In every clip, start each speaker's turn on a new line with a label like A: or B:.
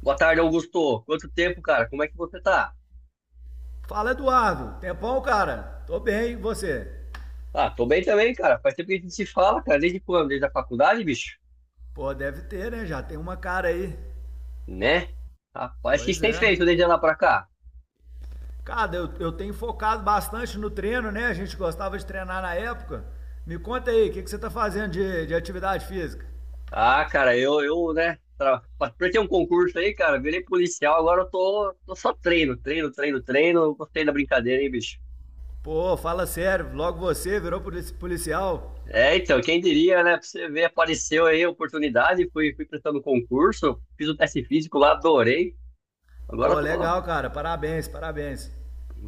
A: Boa tarde, Augusto. Quanto tempo, cara? Como é que você tá?
B: Fala, Eduardo. Tempão, cara? Tô bem, e você?
A: Ah, tô bem também, cara. Faz tempo que a gente se fala, cara. Desde quando? Desde a faculdade, bicho?
B: Pô, deve ter, né? Já tem uma cara aí.
A: Né? Rapaz, o que você
B: Pois
A: tem
B: é.
A: feito desde lá pra cá?
B: Cara, eu tenho focado bastante no treino, né? A gente gostava de treinar na época. Me conta aí, o que você tá fazendo de atividade física?
A: Ah, cara, eu, né? Pra ter um concurso aí, cara, virei policial, agora eu tô só treino, treino, treino, treino. Gostei da brincadeira, hein, bicho?
B: Pô, fala sério, logo você virou policial.
A: É, então, quem diria, né? Pra você ver, apareceu aí a oportunidade, fui prestando concurso, fiz o teste físico lá, adorei. Agora eu
B: Pô,
A: tô.
B: legal, cara. Parabéns, parabéns.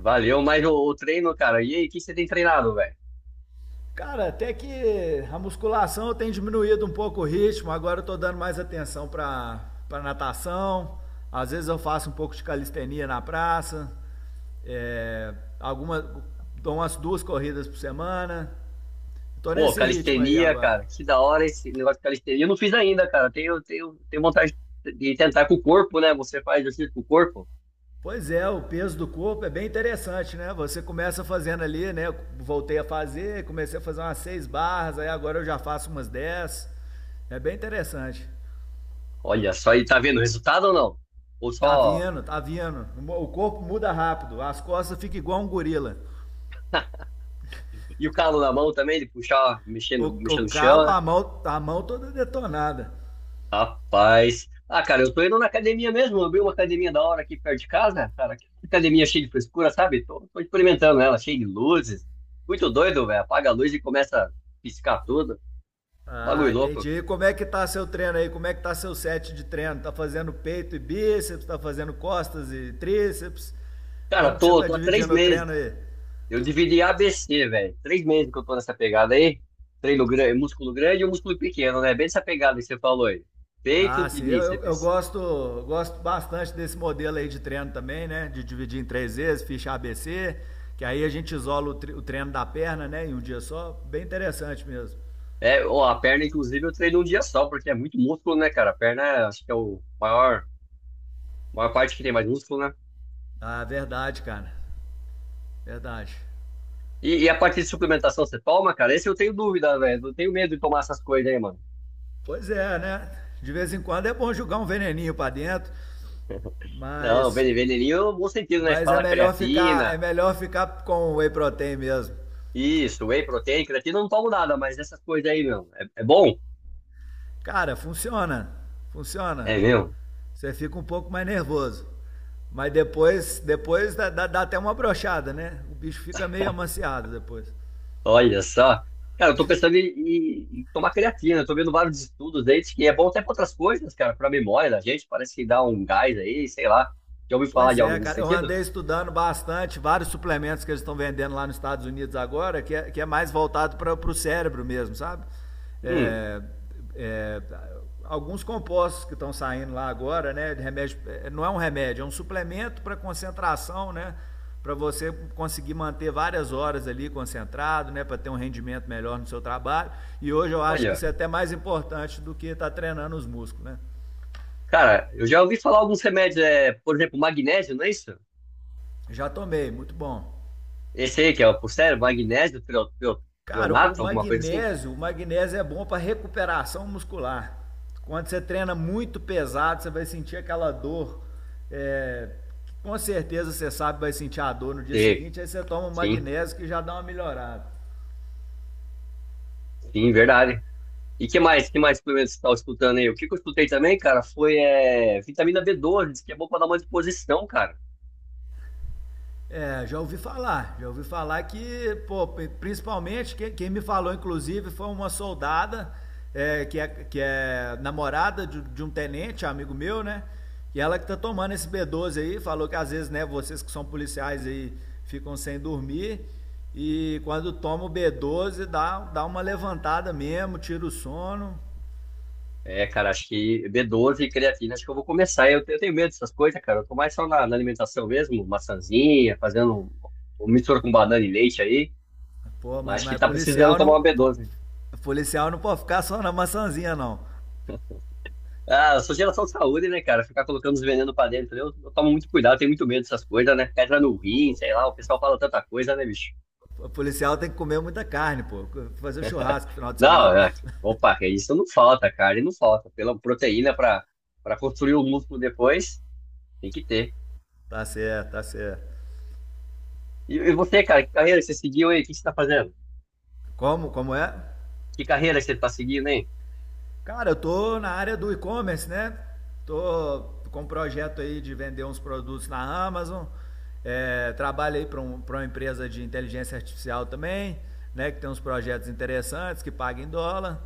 A: Valeu, mas o treino, cara. E aí, o que você tem treinado, velho?
B: Cara, até que a musculação eu tenho diminuído um pouco o ritmo, agora eu tô dando mais atenção pra natação. Às vezes eu faço um pouco de calistenia na praça. É, alguma, dou umas duas corridas por semana. Tô
A: Pô,
B: nesse ritmo aí
A: calistenia,
B: agora.
A: cara, que da hora esse negócio de calistenia. Eu não fiz ainda, cara. Tenho vontade de tentar com o corpo, né? Você faz exercício com o corpo.
B: Pois é, o peso do corpo é bem interessante, né? Você começa fazendo ali, né? Eu voltei a fazer, comecei a fazer umas seis barras, aí agora eu já faço umas 10. É bem interessante.
A: Olha só, e tá vendo o resultado ou não? Ou
B: Tá
A: só.
B: vindo, tá vindo. O corpo muda rápido, as costas ficam igual um gorila.
A: E o calo na mão também, de puxar,
B: O,
A: mexendo,
B: o
A: mexendo no chão,
B: calo,
A: né?
B: a mão toda detonada.
A: Rapaz. Ah, cara, eu tô indo na academia mesmo. Eu abri uma academia da hora aqui perto de casa, cara. Que academia cheia de frescura, sabe? Tô experimentando ela, cheia de luzes. Muito doido, velho. Apaga a luz e começa a piscar tudo.
B: Ah,
A: Bagulho louco.
B: entendi. E como é que tá seu treino aí? Como é que tá seu set de treino? Tá fazendo peito e bíceps? Tá fazendo costas e tríceps?
A: Cara,
B: Como que você
A: tô,
B: tá
A: tô há três
B: dividindo o treino
A: meses.
B: aí?
A: Eu dividi ABC, velho. Três meses que eu tô nessa pegada aí. Treino grande, músculo grande e um músculo pequeno, né? Bem essa pegada que você falou aí. Peito
B: Ah,
A: e
B: sim, eu
A: bíceps.
B: gosto bastante desse modelo aí de treino também, né? De dividir em três vezes, ficha ABC, que aí a gente isola o treino da perna, né? Em um dia só. Bem interessante mesmo.
A: É, ó, a perna, inclusive, eu treino um dia só, porque é muito músculo, né, cara? A perna, acho que é o maior parte que tem mais músculo, né?
B: Ah, verdade, cara. Verdade.
A: E, a parte de suplementação, você toma, cara? Esse eu tenho dúvida, velho. Eu tenho medo de tomar essas coisas aí, mano.
B: Pois é, né? De vez em quando é bom jogar um veneninho pra dentro,
A: Não,
B: mas
A: vene- veneninho, no bom sentido, né? Você fala
B: é
A: creatina,
B: melhor ficar com o whey protein mesmo.
A: isso, whey protein, creatina, eu não tomo nada, mas essas coisas aí, meu. É, é bom?
B: Cara, funciona. Funciona.
A: É, meu.
B: Você fica um pouco mais nervoso. Mas depois dá até uma brochada, né? O bicho fica meio amaciado depois.
A: Olha só. Cara, eu tô pensando em tomar creatina. Eu tô vendo vários estudos aí diz que é bom até pra outras coisas, cara, pra memória da gente. Parece que dá um gás aí, sei lá. Já ouvi falar
B: Pois
A: de algo
B: é,
A: nesse
B: cara. Eu
A: sentido?
B: andei estudando bastante vários suplementos que eles estão vendendo lá nos Estados Unidos agora, que é mais voltado para o cérebro mesmo, sabe?
A: Hum,
B: É, é, alguns compostos que estão saindo lá agora, né? De não é um remédio, é um suplemento para concentração, né? Para você conseguir manter várias horas ali concentrado, né? Para ter um rendimento melhor no seu trabalho. E hoje eu acho que
A: olha.
B: isso é até mais importante do que estar tá treinando os músculos, né?
A: Cara, eu já ouvi falar alguns remédios, é, por exemplo, magnésio, não é isso?
B: Já tomei, muito bom.
A: Esse aí que é por sério, magnésio, trio- trio-
B: Cara,
A: trionato, alguma coisa assim?
B: o magnésio é bom para recuperação muscular. Quando você treina muito pesado, você vai sentir aquela dor. É, com certeza você sabe vai sentir a dor no dia
A: Sim,
B: seguinte, aí você toma o
A: sim,
B: magnésio que já dá uma melhorada.
A: sim, verdade. E que mais suplementos você estava escutando aí? O que que eu escutei também, cara, foi é, vitamina B12, diz que é bom pra dar uma disposição, cara.
B: É, já ouvi falar que, pô, principalmente, quem me falou, inclusive, foi uma soldada que é namorada de um tenente, amigo meu, né? E ela que tá tomando esse B12 aí, falou que às vezes, né, vocês que são policiais aí ficam sem dormir e quando toma o B12 dá uma levantada mesmo, tira o sono.
A: É, cara, acho que B12 e creatina, acho que eu vou começar. Eu tenho medo dessas coisas, cara. Eu tô mais só na, na alimentação mesmo, maçãzinha, fazendo um- mistura com banana e leite aí,
B: Pô,
A: mas acho que
B: mas
A: tá precisando
B: policial
A: tomar
B: não.
A: uma B12.
B: Policial não pode ficar só na maçãzinha, não.
A: Ah, eu sou geração de saúde, né, cara? Ficar colocando os venenos pra dentro, eu tomo muito cuidado, tenho muito medo dessas coisas, né? Pedra no
B: po-
A: rim,
B: po-
A: sei lá, o pessoal fala tanta coisa, né, bicho?
B: O policial tem que comer muita carne, pô. Fazer um churrasco no final de
A: Não,
B: semana.
A: é, opa, que isso não falta, cara, e não falta. Pela proteína pra, pra construir o músculo depois, tem que ter.
B: Tá certo, tá certo.
A: E, você, cara, que carreira que você seguiu aí? O que você tá fazendo?
B: Como? Como é?
A: Que carreira que você tá seguindo, hein?
B: Cara, eu tô na área do e-commerce, né? Tô com um projeto aí de vender uns produtos na Amazon. É, trabalho aí pra uma empresa de inteligência artificial também, né? Que tem uns projetos interessantes, que paga em dólar.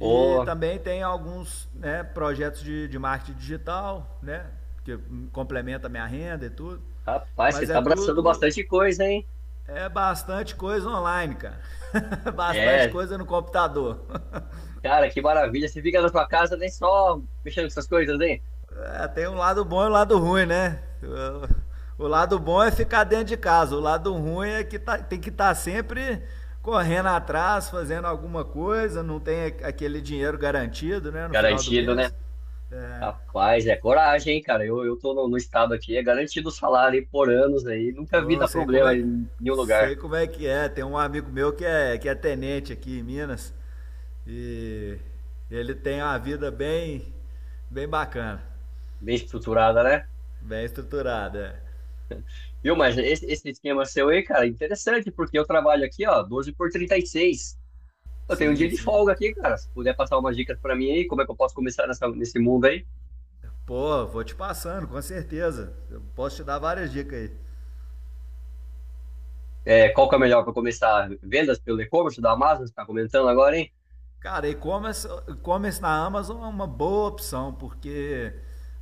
B: E
A: Ô,
B: também tem alguns, né, projetos de marketing digital, né? Que complementa a minha renda e tudo.
A: rapaz, você
B: Mas
A: tá
B: é
A: abraçando
B: tudo
A: bastante coisa, hein?
B: É bastante coisa online, cara. Bastante
A: É,
B: coisa no computador.
A: cara, que maravilha. Você fica na sua casa nem só mexendo com essas coisas, hein?
B: É, tem um lado bom e um lado ruim, né? O lado bom é ficar dentro de casa, o lado ruim é que tem que estar tá sempre correndo atrás, fazendo alguma coisa, não tem aquele dinheiro garantido, né, no final do
A: Garantido, né?
B: mês. É.
A: Rapaz, é coragem, hein, cara? Eu tô no, no estado aqui, é garantido o salário hein, por anos aí. Nunca vi
B: Pô,
A: dar problema em nenhum
B: sei
A: lugar.
B: como é que é. Tem um amigo meu que é tenente aqui em Minas e ele tem uma vida bem bacana,
A: Bem estruturada, né?
B: bem estruturada. É.
A: Viu, mas esse esquema seu aí, cara, é interessante, porque eu trabalho aqui, ó, 12 por 36. Eu tenho um dia
B: Sim,
A: de
B: sim.
A: folga aqui, cara. Se puder passar umas dicas pra mim aí, como é que eu posso começar nessa, nesse mundo aí?
B: Pô, vou te passando, com certeza. Eu posso te dar várias dicas aí.
A: É, qual que é melhor para começar? Vendas pelo e-commerce da Amazon, você tá comentando agora, hein?
B: Cara, e-commerce na Amazon é uma boa opção, porque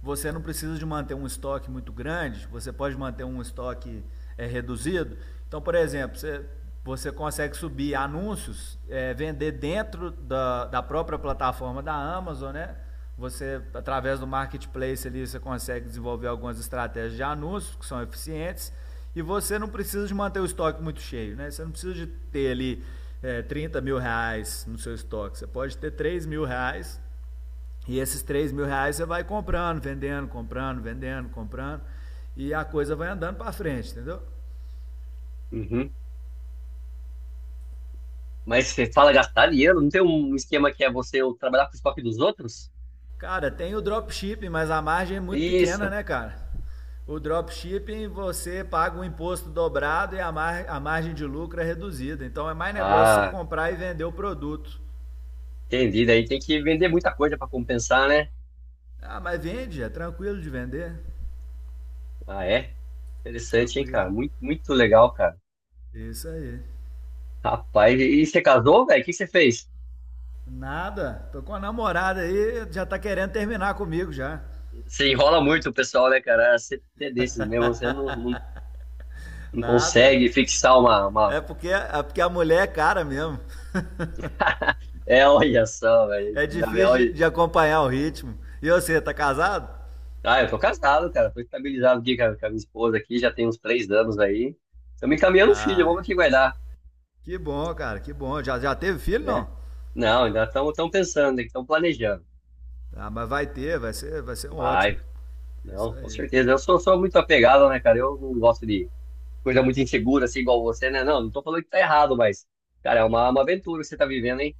B: você não precisa de manter um estoque muito grande, você pode manter um estoque reduzido. Então, por exemplo, você consegue subir anúncios, vender dentro da própria plataforma da Amazon, né? Você, através do marketplace ali, você consegue desenvolver algumas estratégias de anúncios que são eficientes e você não precisa de manter o estoque muito cheio, né? Você não precisa de ter ali, 30 mil reais no seu estoque. Você pode ter 3.000 reais e esses 3.000 reais você vai comprando, vendendo, comprando, vendendo, comprando. E a coisa vai andando para frente, entendeu?
A: Uhum. Mas você fala gastar dinheiro? Não tem um esquema que é você trabalhar com o estoque dos outros?
B: Cara, tem o dropshipping, mas a margem é muito pequena,
A: Isso.
B: né, cara? O dropshipping você paga um imposto dobrado e a margem de lucro é reduzida. Então é mais negócio você
A: Ah,
B: comprar e vender o produto.
A: entendi. Daí tem que vender muita coisa para compensar, né?
B: Ah, mas vende, é tranquilo de vender.
A: Ah, é? Interessante, hein,
B: Tranquilo.
A: cara? Muito, muito legal, cara.
B: Isso aí.
A: Rapaz, e você casou, velho? O que você fez?
B: Nada. Tô com a namorada aí, já tá querendo terminar comigo já.
A: Você enrola muito o pessoal, né, cara? Ah, você é desses mesmo, você não
B: Nada.
A: consegue fixar uma...
B: É porque a mulher é cara mesmo.
A: É, olha só, velho.
B: É difícil de acompanhar o ritmo. E você, tá casado?
A: Ah, eu tô casado, cara. Tô estabilizado aqui com a minha esposa aqui, já tem uns três anos aí. Estamos encaminhando um filho,
B: Ah,
A: vamos aqui guardar,
B: que bom, cara, que bom. Já teve filho,
A: né?
B: não?
A: Não, ainda estamos tão pensando, estão planejando.
B: Ah, mas vai ter, vai ser um
A: Vai,
B: ótimo. Isso
A: não, com
B: aí.
A: certeza. Eu sou muito apegado, né, cara? Eu não gosto de coisa muito insegura, assim, igual você, né? Não tô falando que tá errado, mas, cara, é uma aventura que você tá vivendo, hein?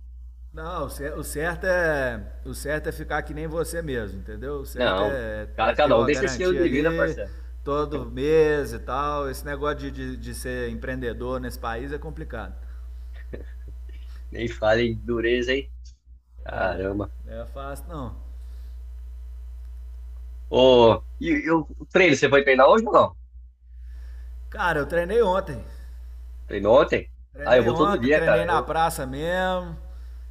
B: Não, o certo é ficar que nem você mesmo, entendeu? O certo
A: Não, cara,
B: é ter
A: cada um
B: a
A: tem seu estilo
B: garantia
A: de vida,
B: ali
A: parceiro.
B: todo mês e tal. Esse negócio de ser empreendedor nesse país é complicado.
A: Nem fale em dureza, hein? Caramba.
B: Não é fácil, não.
A: Ô, e, o treino, você foi treinar hoje ou não?
B: Cara, eu treinei ontem.
A: Treinou ontem? Ah, eu
B: Treinei
A: vou todo
B: ontem,
A: dia, cara.
B: treinei na
A: Eu,
B: praça mesmo.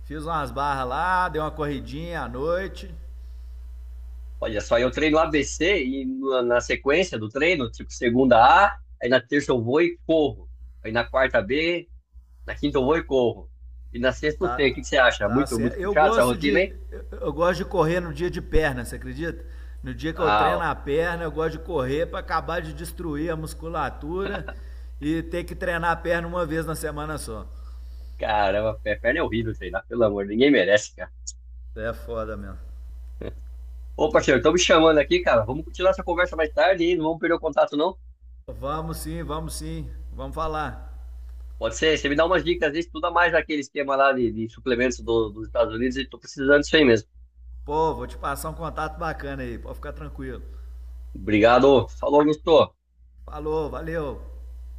B: Fiz umas barras lá, dei uma corridinha à noite.
A: olha só, eu treino ABC e na, na sequência do treino, tipo, segunda A, aí na terça eu vou e corro. Aí na quarta B, na quinta eu vou e corro. E na sexta eu sei. O que
B: Tá,
A: que você acha?
B: tá
A: Muito,
B: certo.
A: muito
B: Eu
A: puxado essa
B: gosto
A: rotina, hein?
B: de eu gosto de correr no dia de perna, você acredita? No dia que eu
A: Ah,
B: treino
A: ó,
B: a perna, eu gosto de correr para acabar de destruir a musculatura e ter que treinar a perna uma vez na semana só.
A: caramba, pé- perna é horrível treinar, pelo amor, ninguém merece, cara.
B: É foda mesmo.
A: Ô, parceiro, estão me chamando aqui, cara. Vamos continuar essa conversa mais tarde, hein? Não vamos perder o contato, não?
B: Vamos sim, vamos sim. Vamos falar.
A: Pode ser, você me dá umas dicas, estuda mais aquele esquema lá de suplementos do- dos Estados Unidos e tô precisando disso aí mesmo.
B: Pô, vou te passar um contato bacana aí, pode ficar tranquilo.
A: Obrigado. Falou, Augusto.
B: Falou, valeu.